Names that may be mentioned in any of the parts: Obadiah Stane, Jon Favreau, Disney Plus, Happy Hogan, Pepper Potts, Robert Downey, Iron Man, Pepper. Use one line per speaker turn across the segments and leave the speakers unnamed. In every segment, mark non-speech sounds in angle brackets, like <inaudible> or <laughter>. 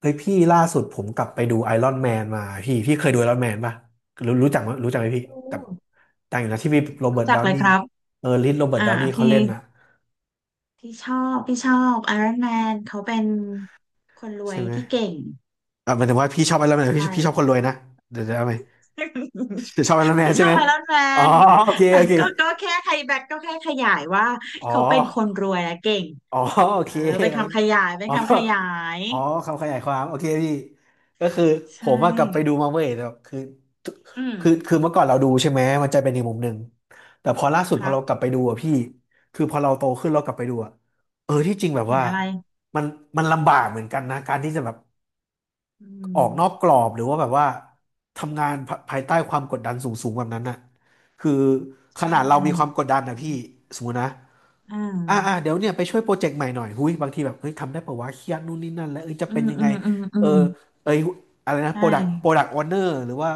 เฮ้ยพี่ล่าสุดผมกลับไปดูไอรอนแมนมาพี่เคยดูไอรอนแมนป่ะรู้จักมั้ยรู้จักไหมพี่
รู้
กับต่างอยู่นะที่มีโรเบิ
รู้
ร์ต
จัก
ดาว
เลย
นี่
ครับ
เออลิโรเบิร์ต
อ่า
ดาวนี่เขา
พี่
เล่นน่ะ
พี่ชอบไอรอนแมนเขาเป็นคนรว
ใช่
ย
ไหม
ที่เก่ง
อ่ะหมายถึงว่าพี่ชอบไอรอนแมนพี่
ใช่
พี่ชอบคนรวยนะเดี๋ยวเอาไหม
<laughs>
ชอบไอรอนแมน
พี่
ใช่
ชอ
ไห
บ
ม
ไอรอนแม
อ๋อ
น
โอเค
แต่
โอเค
ก็แค่ไฮแบ็กก็แค่ขยายว่า
อ๋อ
เขาเป็นคนรวยและเก่ง
อ๋อโอเค
เออเป็น
โอ
คำ
เค
ขยายเป็น
อ๋อ
คำขยาย
อ๋อคำขยายความโอเคพี่ก็คือผ
ใช่
มว่ากลับไปดูมาเว้ยแต่คือ
อืม
คือเมื่อก่อนเราดูใช่ไหมมันจะเป็นอีกมุมหนึ่งแต่พอล่าสุด
ค
พอ
รับ
เรากลับไปดูอะพี่คือพอเราโตขึ้นเรากลับไปดูอะเออที่จริงแบบ
เห็น
ว่า
อะไร
มันมันลำบากเหมือนกันนะการที่จะแบบ
อืม
ออกนอกกรอบหรือว่าแบบว่าทำงานภายใต้ความกดดันสูงๆแบบนั้นน่ะคือ
ใช
ขนาดเรามีความ
่
กดดันนะพี่สมมตินะ
อ่า
เดี๋ยวเนี่ยไปช่วยโปรเจกต์ใหม่หน่อยหุ้ยบางทีแบบเฮ้ยทำได้ปะวะเครียดนู่นนี่นั่นแล้วเอ้ยจะ
อื
เป็น
ม
ยัง
อื
ไง
มอืมอื
เออ
ม
เอ้ยอะไรนะ
ใช่
โปรดักออเนอร์หรือว่า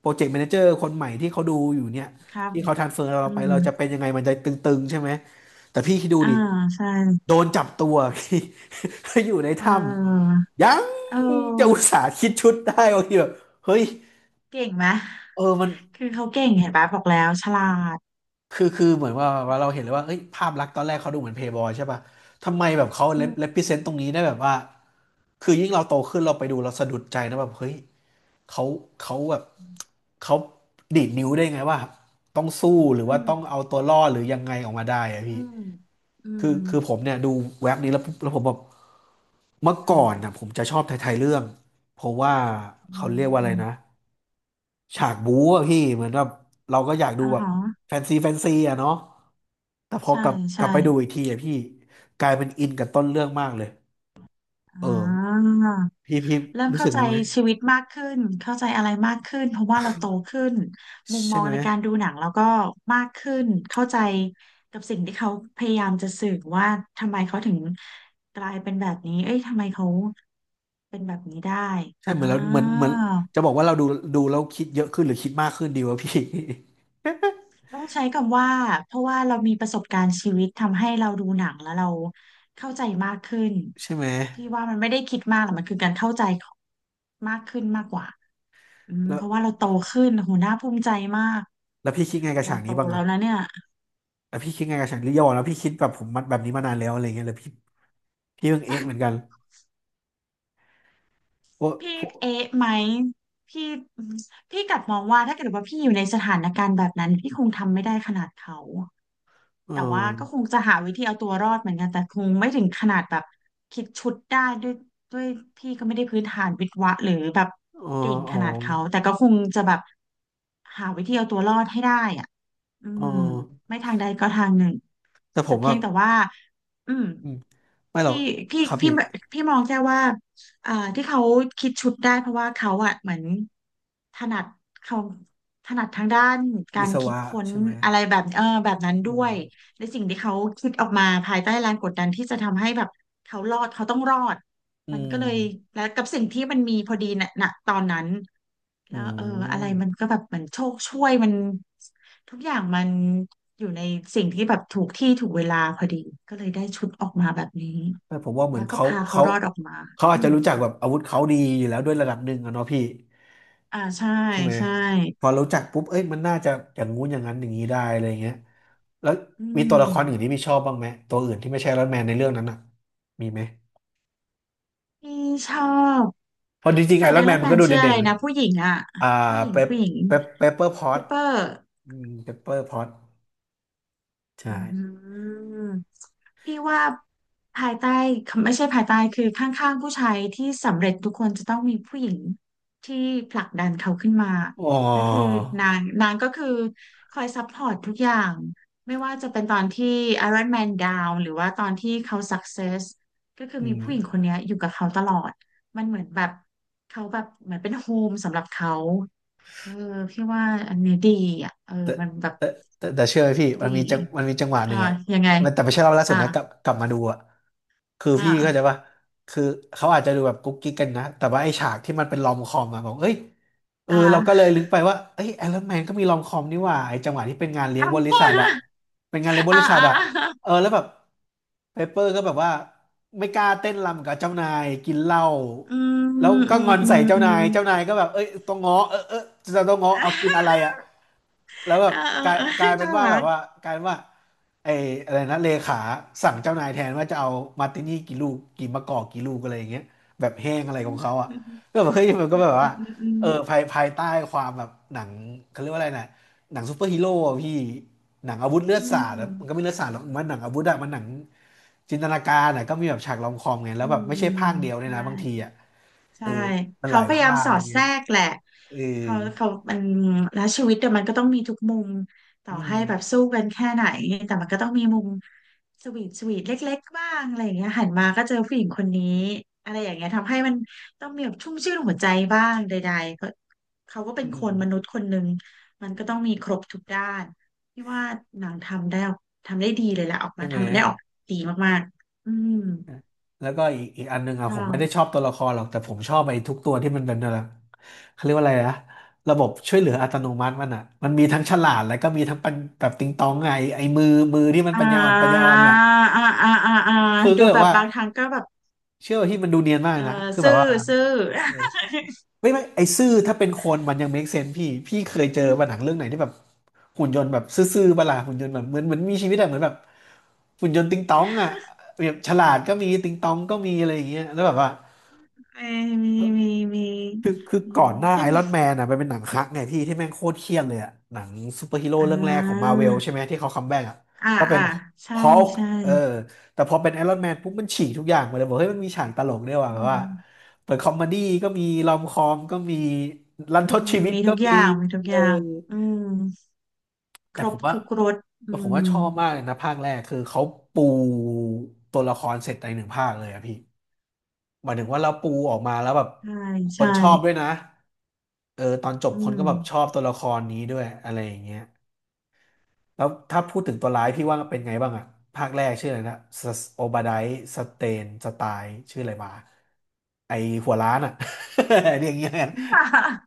โปรเจกต์แมเนเจอร์คนใหม่ที่เขาดูอยู่เนี่ย
ครับ
ที่เขาทรานสเฟอร์
อื
เราไป
ม
เราจะเป็นยังไงมันจะตึงๆใช่ไหมแต่พี่คิดดู
อ่า
ดิ
ใช่
โดนจับตัว <laughs> อยู่ใน
เ
ถ้
ออ
ำยัง
เ
จะอุต
ออ
ส่าห์คิดชุดได้บางทีแบบเฮ้ย
เก่งไหม
เออมัน
คือเขาเก่งเห็นปะบอกแล้วฉลาด
คือเหมือนว่าเราเห็นเลยว่าเอ้ยภาพลักษณ์ตอนแรกเขาดูเหมือนเพย์บอยใช่ปะทำไมแบบเขาเล
อื
p
ม
เ e พ e เซนต์ตรงนี้ได้แบบว่า คือยิ่งเราโตขึ้นเราไปดูเราสะดุดใจนะแบบเฮ้ยเขาเขาแบบเขาดีดนิ้วได้ไงว่าต้องสู้หรือ
อื
ว่า
ม
ต้องเอาตัวรอดหรือยังไงออกมาได้อะ
อื
พี่
มอื
คื
ม
อคือผมเนี่ยดูเว็บนี้แล้วปุ๊บแล้วผมแบบเมื่อก่
อื
อ
ม
นนะผมจะชอบไทยๆเรื่องเพราะว่า
อื
เขาเรี
ม
ยกว่าอะ
อื
ไร
ม
นะฉากบู๊อะพี่เหมือนแบบเราก็อยากดู
อ๋อ
แบบ
ฮะ
แฟนซีอะเนาะแต่พอ
ใช่
กลับกลั
ใช่
บไปดูอีกทีอะพี่กลายเป็นอินกับต้นเรื่องมากเลย
อ๋อ
เออพี่
เริ่ม
รู้
เข้า
สึก
ใจ
งั้นไหม
ชีวิตมากขึ้นเข้าใจอะไรมากขึ้นเพราะว่าเราโตขึ้นมุมม
ใช่
อง
ไหม
ในการดูหนังเราก็มากขึ้นเข้าใจกับสิ่งที่เขาพยายามจะสื่อว่าทำไมเขาถึงกลายเป็นแบบนี้เอ้ยทำไมเขาเป็นแบบนี้ได้
ใช่
อ่า
เหมือนเราเหมือนจะบอกว่าเราดูแล้วคิดเยอะขึ้นหรือคิดมากขึ้นดีวะพี่ <laughs>
ต้องใช้คำว่าเพราะว่าเรามีประสบการณ์ชีวิตทำให้เราดูหนังแล้วเราเข้าใจมากขึ้น
ใช่ไหม
พี่ว่ามันไม่ได้คิดมากหรอกมันคือการเข้าใจของมากขึ้นมากกว่าอืม
แล้
เพ
ว
ราะว่าเราโตขึ้นโหน่าภูมิใจมาก
แล้วพี่คิดไงกับ
เรา
ฉาก
โต
นี้บ้าง
แล้
อะ
วนะเนี่ย
แล้วพี่คิดไงกับฉากนี้ย่าบอกแล้วพี่คิดแบบผมมันแบบนี้มานานแล้วอะไรเงี้ยแล้วพี่เพิ่งเอ๊ะเหมือนกัน
<laughs>
โอ้
พี่
พวก
เอ๊ะไหมพี่พี่กลับมองว่าถ้าเกิดว่าพี่อยู่ในสถานการณ์แบบนั้นพี่คงทำไม่ได้ขนาดเขา
เอ
แต่ว่าก็ค
อ
งจะหาวิธีเอาตัวรอดเหมือนกันแต่คงไม่ถึงขนาดแบบคิดชุดได้ด้วยพี่ก็ไม่ได้พื้นฐานวิศวะหรือแบบ
เอ
เก่
อ
ง
อ๋
ข
อ
นาดเขาแต่ก็คงจะแบบหาวิธีเอาตัวรอดให้ได้อ่ะอื
เอ
ม
อ
ไม่ทางใดก็ทางหนึ่ง
แต่ผ
แต่
ม
เพี
ว่า
ยงแต่ว่าอืม
อืมไม่หร
พี่
อก
พี่
ครับ
พี่
พี่
พี่มองแค่ว่าที่เขาคิดชุดได้เพราะว่าเขาอะเหมือนถนัดเขาถนัดทางด้านกา
วิ
ร
ศ
คิด
วะ
ค้น
ใช่ไหม
อะไรแบบเออแบบนั้น
อื
ด้ว
ม
ยในสิ่งที่เขาคิดออกมาภายใต้แรงกดดันที่จะทำให้แบบเขารอดเขาต้องรอด
อื
มันก็เลย
ม
แล้วกับสิ่งที่มันมีพอดีน่ะณตอนนั้น
อื
แล้วเอออะไรมัน
ม
ก็แบบเหมือนโชคช่วยมัน ทุกอย่างมันอยู่ในสิ่งที่แบบถูกที่ถูกเวลาพอดีก็เลยได้ชุดออกมาแบบนี้
แต่ผมว่าเหมือ
แล้
น
วก็
เขา
พาเขา
เขา
รอดออกมา
เขาอาจ
อื
จะ
ม
รู้จักแบบอาวุธเขาดีอยู่แล้วด้วยระดับหนึ่งอะเนาะพี่
อ่าใช่
ใช่ไหม
ใช่
พอรู้จักปุ๊บเอ้ยมันน่าจะอย่างงู้นอย่างนั้นอย่างนี้ได้อะไรเงี้ยแล้ว
อื
มีตัวละครอื่นที่
ม
พี่ชอบบ้างไหมตัวอื่นที่ไม่ใช่ไอรอนแมนในเรื่องนั้นอ่ะมีไหม
พี่ชอบ
เพราะจริง
แฟ
ๆไอ
น
ร
ไอ
อนแม
รอ
น
น
มั
แม
นก็
น
ดู
ชื่ออะ
เด่
ไร
นๆนะ
นะผู้หญิงอ่ะ
อ่า
ผู้หญิง
เปป
ผู้หญิง
เปปเปอร์พอ
เป
ต
เปอร์
อืมเปปเปอร์พอต
อ
ใช่
ืมพี่ว่าภายใต้ไม่ใช่ภายใต้คือข้างๆผู้ชายที่สำเร็จทุกคนจะต้องมีผู้หญิงที่ผลักดันเขาขึ้นมา
อ๋
และคือ
อ
นางก็คือคอยซัพพอร์ตทุกอย่างไม่ว่าจะเป็นตอนที่ Iron Man Down หรือว่าตอนที่เขา Success ก็คือ
อื
มีผู้หญิงค
ม
นเนี้ยอยู่กับเขาตลอดมันเหมือนแบบเขาแบบเหมือนเป็นโฮมสำหรับเขาเออพี่ว่าอันนี้ดีอ่ะเออ
แต่
มันแบบ
แต่แต่เชื่อไหมพี่มั
ดี
นมีจังมันมีจังหวะห
อ่า
นึ่งอะ
ยังไง
แต่ไม่ใช่รอบล่าสุด
อ่า
นะกลับมาดูอะคือ
อ่า
พี่เข้าใจป่ะคือเขาอาจจะดูแบบกุ๊กกิ๊กกันนะแต่ว่าไอ้ฉากที่มันเป็นลอมคอมอะบอกเอ้ยเออ
อ่า
เราก็เลยลึกไปว่าเอ้ยไอรอนแมนก็มีลอมคอมนี่หว่าไอ้จังหวะที่เป็นงานเลี้ยง
อ่
บริษัทอะ
า
เป็นงานเลี้ยงบ
อ่า
ริษัท
อ่า
อะเออแล้วแบบเปเปอร์ก็แบบว่าไม่กล้าเต้นรำกับเจ้านายกินเหล้า
อืม
แล้
อื
ว
ม
ก็
อื
งอนใส่
ม
เจ้า
อื
นา
ม
ยเจ้านายก็แบบเอ้ยต้องง้อเออเออจะต้องง้อ
อ่
เอากินอะไร
า
อะ แล้วแบ
เอ
บ
อเออ
กลาย
เออ
กลายเป็น
น่า
ว่า
รั
แบบ
ก
ว่ากลายเป็นว่าไอ้อะไรนะเลขาสั่งเจ้านายแทนว่าจะเอามาร์ตินี่กี่ลูกกี่มะกอกกี่ลูกอะไรอย่างเงี้ยแบบแห้ง
อื
อะไรขอ
ม
งเขาอ่ะ
อืม
ก็แบบเฮ้ยมันก็
อื
แบบว่า
มอืม
เออภายใต้ความแบบหนังเขาเรียกว่าอะไรนะหนังซูเปอร์ฮีโร่อะพี่หนังอาวุธเลือด
อื
สา
ม
ด
อื
อะ
ม
มันก็ไม่เลือดสาดหรอกมันหนังอาวุธอะมันหนังจินตนาการอะก็มีแบบฉากรอมคอมไงแล้
อื
วแบบไม่
ม
ใช่ภาคเดียวเลย
ได้
นะบางทีอ่ะเอ
ใช่
อมันห
เขา
ลาย
พยายา
ภา
ม
ค
ส
อะ
อ
ไร
ดแท
เงี้ย
รกแหละ
เออ
เขามันแล้วชีวิตเดี๋ยวมันก็ต้องมีทุกมุมต่
อื
อให้แบบ
ม
สู้กันแค่ไหนแต่มันก็ต้องมีมุมสวีทสวีทเล็กๆบ้างอะไรอย่างเงี้ยหันมาก็เจอผู้หญิงคนนี้อะไรอย่างเงี้ยทำให้มันต้องมีแบบชุ่มชื่นหัวใจบ้างใดๆเพราะเขาก็เป็
อื
นค
ม
นมนุษย์คนหนึ่งมันก็ต้องมีครบทุกด้านพี่ว่าหนังทำได้ทำได้ดีเลยแหละออก
ใช่
มา
ไหม
ทำได้ออกดีมากๆอืม
แล้วก็อีกอันหนึ่งอ่ะผ
ค่ะ
มไม่ได้ชอบตัวละครหรอกแต่ผมชอบไอ้ทุกตัวที่มันเป็นอะไรเขาเรียกว่าอะไรนะระบบช่วยเหลืออัตโนมัติมันอ่ะมันมีทั้งฉลาดแล้วก็มีทั้งปัญแบบติงตองไงไอ้มือที่มัน
อ่
ปัญญาอ่อนปัญญา
า
อ่อ
อ่า
นแหละ
อ่าอ่าอ่า
คือก็
ดู
เลย
แบบ
ว่า
บางครั้งก็แบบ
เชื่อว่าที่มันดูเนียนมาก
เออ
นะคือแบ
ซื่
บ
อ
ว่า
ซื่อ
เออไม่ไอ้ซื่อถ้าเป็นคนมันยัง make sense พี่เคย
<laughs>
เจอป่ะหนังเรื่องไหนที่แบบหุ่นยนต์แบบซื่อๆประหลาดหุ่นยนต์แบบเหมือนมีชีวิตอะเหมือนแบบหุ่นยนต์ติงตองอ่ะแบบฉลาดก็มีติงตองก็มีอะไรอย่างเงี้ยแล้วแบบว่า
อืมมีมีมีมี
คือ
อื
ก่อ
ม
นหน้าไอ
ขึ้น
รอนแมนอ่ะมันเป็นหนังคักไงพี่ที่แม่งโคตรเครียดเลยอ่ะหนังซูเปอร์ฮีโร่
อ่
เรื่องแรกของมา
า
เวลใช่ไหมที่เขาคัมแบ็กอ่ะ
อ่า
ก็เป็น
อ่า
ฮ
ใช่
อ l ก
ใช่
เออแต่พอเป็นไอรอนแมนปุ๊บมันฉีกทุกอย่างมาเลยบอกเฮ้ยมันมีฉากตลกด้วยว่ะ
อื
แบบว่า
ม
เปิดคอมเมดี้ก็มีรอมคอมก็มีรันท
อื
ด
ม
ชีวิต
มี
ก็
ทุกอ
มี
ย่างมีทุก
เอ
อ
อ
ย่างอืมค
แต่
ร
ผ
บ
มว่า
ทุกรสอื
แต่ผม
ม
ว่าชอบมากเลยนะภาคแรกคือเขาปูตัวละครเสร็จในหนึ่งภาคเลยอะพี่ หมายถึงว่าเราปูออกมาแล้วแบบ
ใช่
คน
ใช่
ชอบด้วยนะ เออตอนจบ
อื
คน
ม
ก็แบบชอบตัวละครนี้ด้วยอะไรอย่างเงี้ยแล้วถ้าพูดถึงตัวร้ายพี่ว่าเป็นไงบ้างอะภาคแรกชื่ออะไรนะโอบาไดสเตนสไตล์ชื่ออะไรมาไอหัวล้านอะ <laughs> เรียกอย่างเงี้ยกัน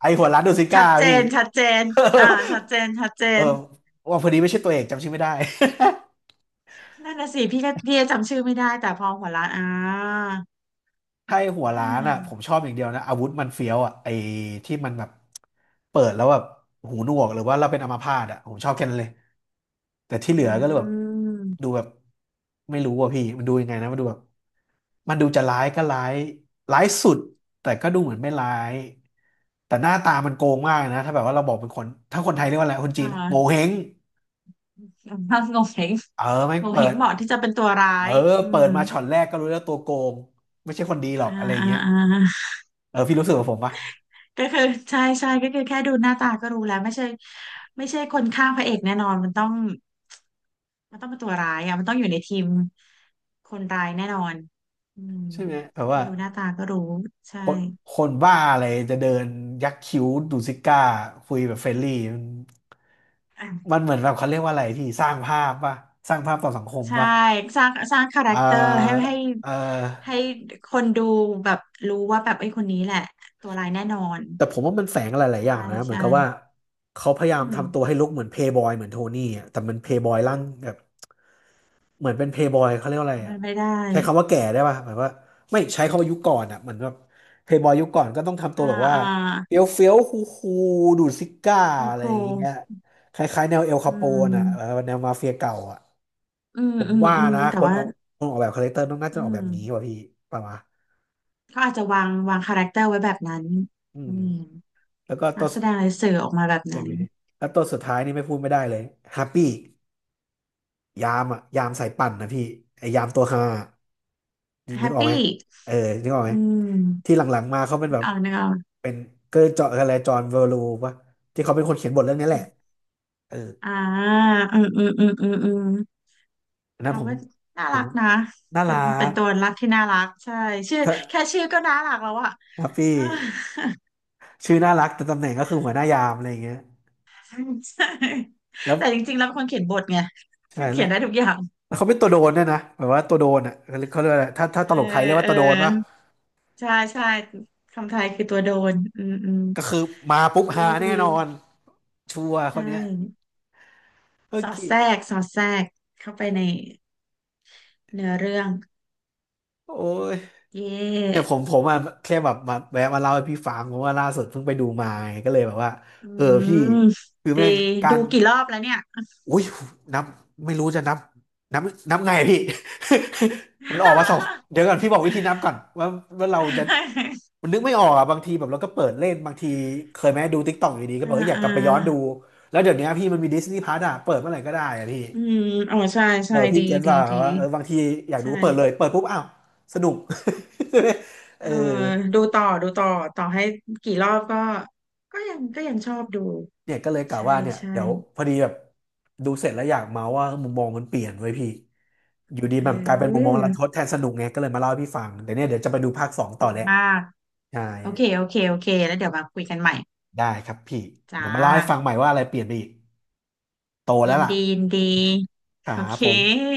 ไอหัวล้านดูซิ
ชั
ก้า
ดเจ
พี่
นชัดเจนอ่าชัดเจนชัดเจ
<laughs> เออ
น
ว่าพอดีไม่ใช่ตัวเอกจำชื่อไม่ได้ <laughs>
นั่นน่ะสิพี่ก็พี่จำชื่อไม่ได้แต่พอหัวล้านอ่า
ใช่หัวร้านอ่ะผมชอบอย่างเดียวนะอาวุธมันเฟี้ยวอ่ะไอ้ที่มันแบบเปิดแล้วแบบหูหนวกหรือว่าเราเป็นอัมพาตอ่ะผมชอบแค่นั้นเลยแต่ที่
อื
เหลือก็เลยแบบดู
ม
แบบไม่รู้อ่ะพี่มันดูยังไงนะมันดูแบบมันดูจะร้ายก็ร้ายร้ายสุดแต่ก็ดูเหมือนไม่ร้ายแต่หน้าตามันโกงมากนะถ้าแบบว่าเราบอกเป็นคนถ้าคนไทยเรียกว่าอะไรคน
อ่
จีนโง
า
เห้ง
ถ้างงเหง
เออแม่ง
งง
เปิ
เหง
ด
เหมาะที่จะเป็นตัวร้า
เออ
ยอื
เปิด
ม
มาช็อตแรกก็รู้แล้วตัวโกงไม่ใช่คนดีหรอก
อ่า
อะไรอย่าง
อ่า
เงี้ย
อ่า
เออพี่รู้สึกกับผมปะ
ก็คือใช่ใช่ก็คือแค่ดูหน้าตาก็รู้แล้วไม่ใช่ไม่ใช่คนข้างพระเอกแน่นอนมันต้องมันต้องเป็นตัวร้ายอ่ะมันต้องอยู่ในทีมคนร้ายแน่นอนอืม
ใช่ไหมแบบ
แค่
ว่า
ดูหน้าตาก็รู้
ค
ใช่
นคนบ้าอะไรจะเดินยักคิ้วดูซิก้าคุยแบบเฟรนลี่
อ่ะ
มันเหมือนแบบเขาเรียกว่าอะไรที่สร้างภาพป่ะสร้างภาพต่อสังคม
ใช่
ป่ะ
สร้างคาแร
เอ่
คเตอร์ให้
อ
ให้
เอ่อ
ให้คนดูแบบรู้ว่าแบบไอ้ยคนนี้แหละตัวร้ายแน่นอน
แต่ผมว่ามันแฝงอะไรหลายๆ
ใช่
อย่างนะเหมือนกับว่า
ใช่
เขาพยายาม
อืม
ทำตัวให้ลุกเหมือนเพย์บอยเหมือนโทนี่อะแต่มันเพย์บอยร่างแบบ เหมือนเป็นเพย์บอยเขาเรียกว่าอะไร
มั
อ่ะ
นไม่ได้
ใช้คำว่าแก่ได้ป่ะหมายว่าไม่ใช้คำว่ายุคก่อนอ่ะเหมือนแบบเพย์บอยยุคก่อนก็ต้องทำตัว
อ่า
แบบว่า
อ่า
เฟี้ยวเฟี้ยวคูคูดูดซิก้า
ก็
อะ
ค
ไร
รู
อย่างเงี้ยคล้ายๆแนวเอล
อื
คาโปนอ่ะเออ
ม
แนวมาเฟียเก่าอ่ะ
อืม
ผม
อืม
ว่า
อืม
นะ
แต่
คน
ว่า
ออกแบบคาแรคเตอร์ต้องน่าจะ
อื
ออกแบ
ม
บนี้ว่ะพี่ประมาณ
เขาอาจจะวางคาแรคเตอร์ไว้แบบนั้น
อื
อื
ม
ม
แล้วก็ตั
นัก
ว
แสดงเลยสื่อออกมาแบบ
เอ็ม
นั้น
วีแล้วตัวสุดท้ายนี่ไม่พูดไม่ได้เลยแฮปปี้ ยามอ่ะยามสายปั่นนะพี่ไอยามตัวฮา
แฮ
นึก
ป
ออกไหม
ปี้
เออนึกออกไหม
อืม
ที่หลังๆมาเขาเป็น
นึ
แบ
ก
บ
ออกนึกออก
เป็นเกอร์จออะไรจอห์นเวอร์ลูปะที่เขาเป็นคนเขียนบทเรื่องนี้แหละเออ
อ่าอืมอืมอืมอืมอืม
อันนั้น
เขา
ผม
ก็น่า
ผ
รั
ม
กนะ
น่า
เป็
รั
นเป็น
ก
ตัวรักที่น่ารักใช่ชื่อแค่
ถ้
ชื่อก็น่ารักแล้วอะ
ครับพี่
เออ
ชื่อน่ารักแต่ตำแหน่งก็คือหัวหน้ายามอะไรอย่างเงี้ย
ใช่
แล้ว
แต่จริงๆแล้วเป็นคนเขียนบทไง
ใช่แล้
เขี
ว
ยนได้ทุกอย่าง
แล้วเขาเป็นตัวโดนด้วยนะแบบว่าตัวโดนอ่ะเขาเรียกว่าอะไรถ้าต
เอ
ลกไทยเรีย
อ
กว่า
เออ
ตัวโดนปะ
ใช่ใช่คำไทยคือตัวโดนอืมอืม
ก็คือมาปุ๊บ
ดี
หาแน่
ดี
นอนชัวร์ค
ใช่
นเนี้ยโอ
สอ
เค
ดแทรกสอดแทรกเข้าไปในเนื้อเรื่อง
โอ้ย
เย
เนี่ยผ
่
มผมอะแค่แบบมาแวะมาเล่าให้พี่ฟังเพราะว่าล่าสุดเพิ่งไปดูมาไงก็เลยแบบว่า
อื
เออพี่
ม
คือ
ดี
แม่งกา
ดู
ร
กี่รอบแล้วเนี่ย <laughs>
อุ้ยนับไม่รู้จะนับนับนับไงอะพี่ <laughs> มันออกมาสองเดี๋ยวก่อนพี่บอกวิธีนับก่อนว่าเราจะมันนึกไม่ออกอ่ะบางทีแบบเราก็เปิดเล่นบางทีเคยไหมดูติ๊กต็อกอยู่ดีก็
อ่า
บอกว่าอยาก
อ่า
กลับไปย้อนดูแล้วเดี๋ยวนี้พี่มันมีดิสนีย์พลัสอ่ะเปิดเมื่อไหร่ก็ได้อ่ะพี่
อืมอ๋อใช่
เอ
ใช่
อพี่
ดี
เก็ต
ดี
ว่า
ดี
ว่าเออบางทีอยาก
ใช่
ดูเปิดเลยเปิดปุ๊บอ้าวสนุก <laughs> ใช่ไหมเอ
เอ
อ
อดูต่อดูต่อต่อให้กี่รอบก็ก็ยังก็ยังชอบดู
เนี่ยก็เลยกะ
ใช่
ว่าเนี่ย
ใช่
เดี๋ยวพอดีแบบดูเสร็จแล้วอยากเมาว่ามุมมองมันเปลี่ยนไว้ยพี่อยู่ดี
เอ
แบบกลายเป็นมุมมอ
อ
งรันทดแทนสนุกไงก็เลยมาเล่าให้พี่ฟังเดี๋ยวเนี่ยเดี๋ยวจะไปดูภาคสองต่อ
ดี
แหละ
มาก
ใช่
โอเคโอเคโอเคแล้วเดี๋ยวมาคุยกันใหม่
ได้ครับพี่
จ้า
เดี๋ยวมาเล่าให้ฟังใหม่ว่าอะไรเปลี่ยนไปอีกโตแล้
ยิ
ว
น
ล่ะ
ดียินดี
ครั
โอ
บ
เค
ผม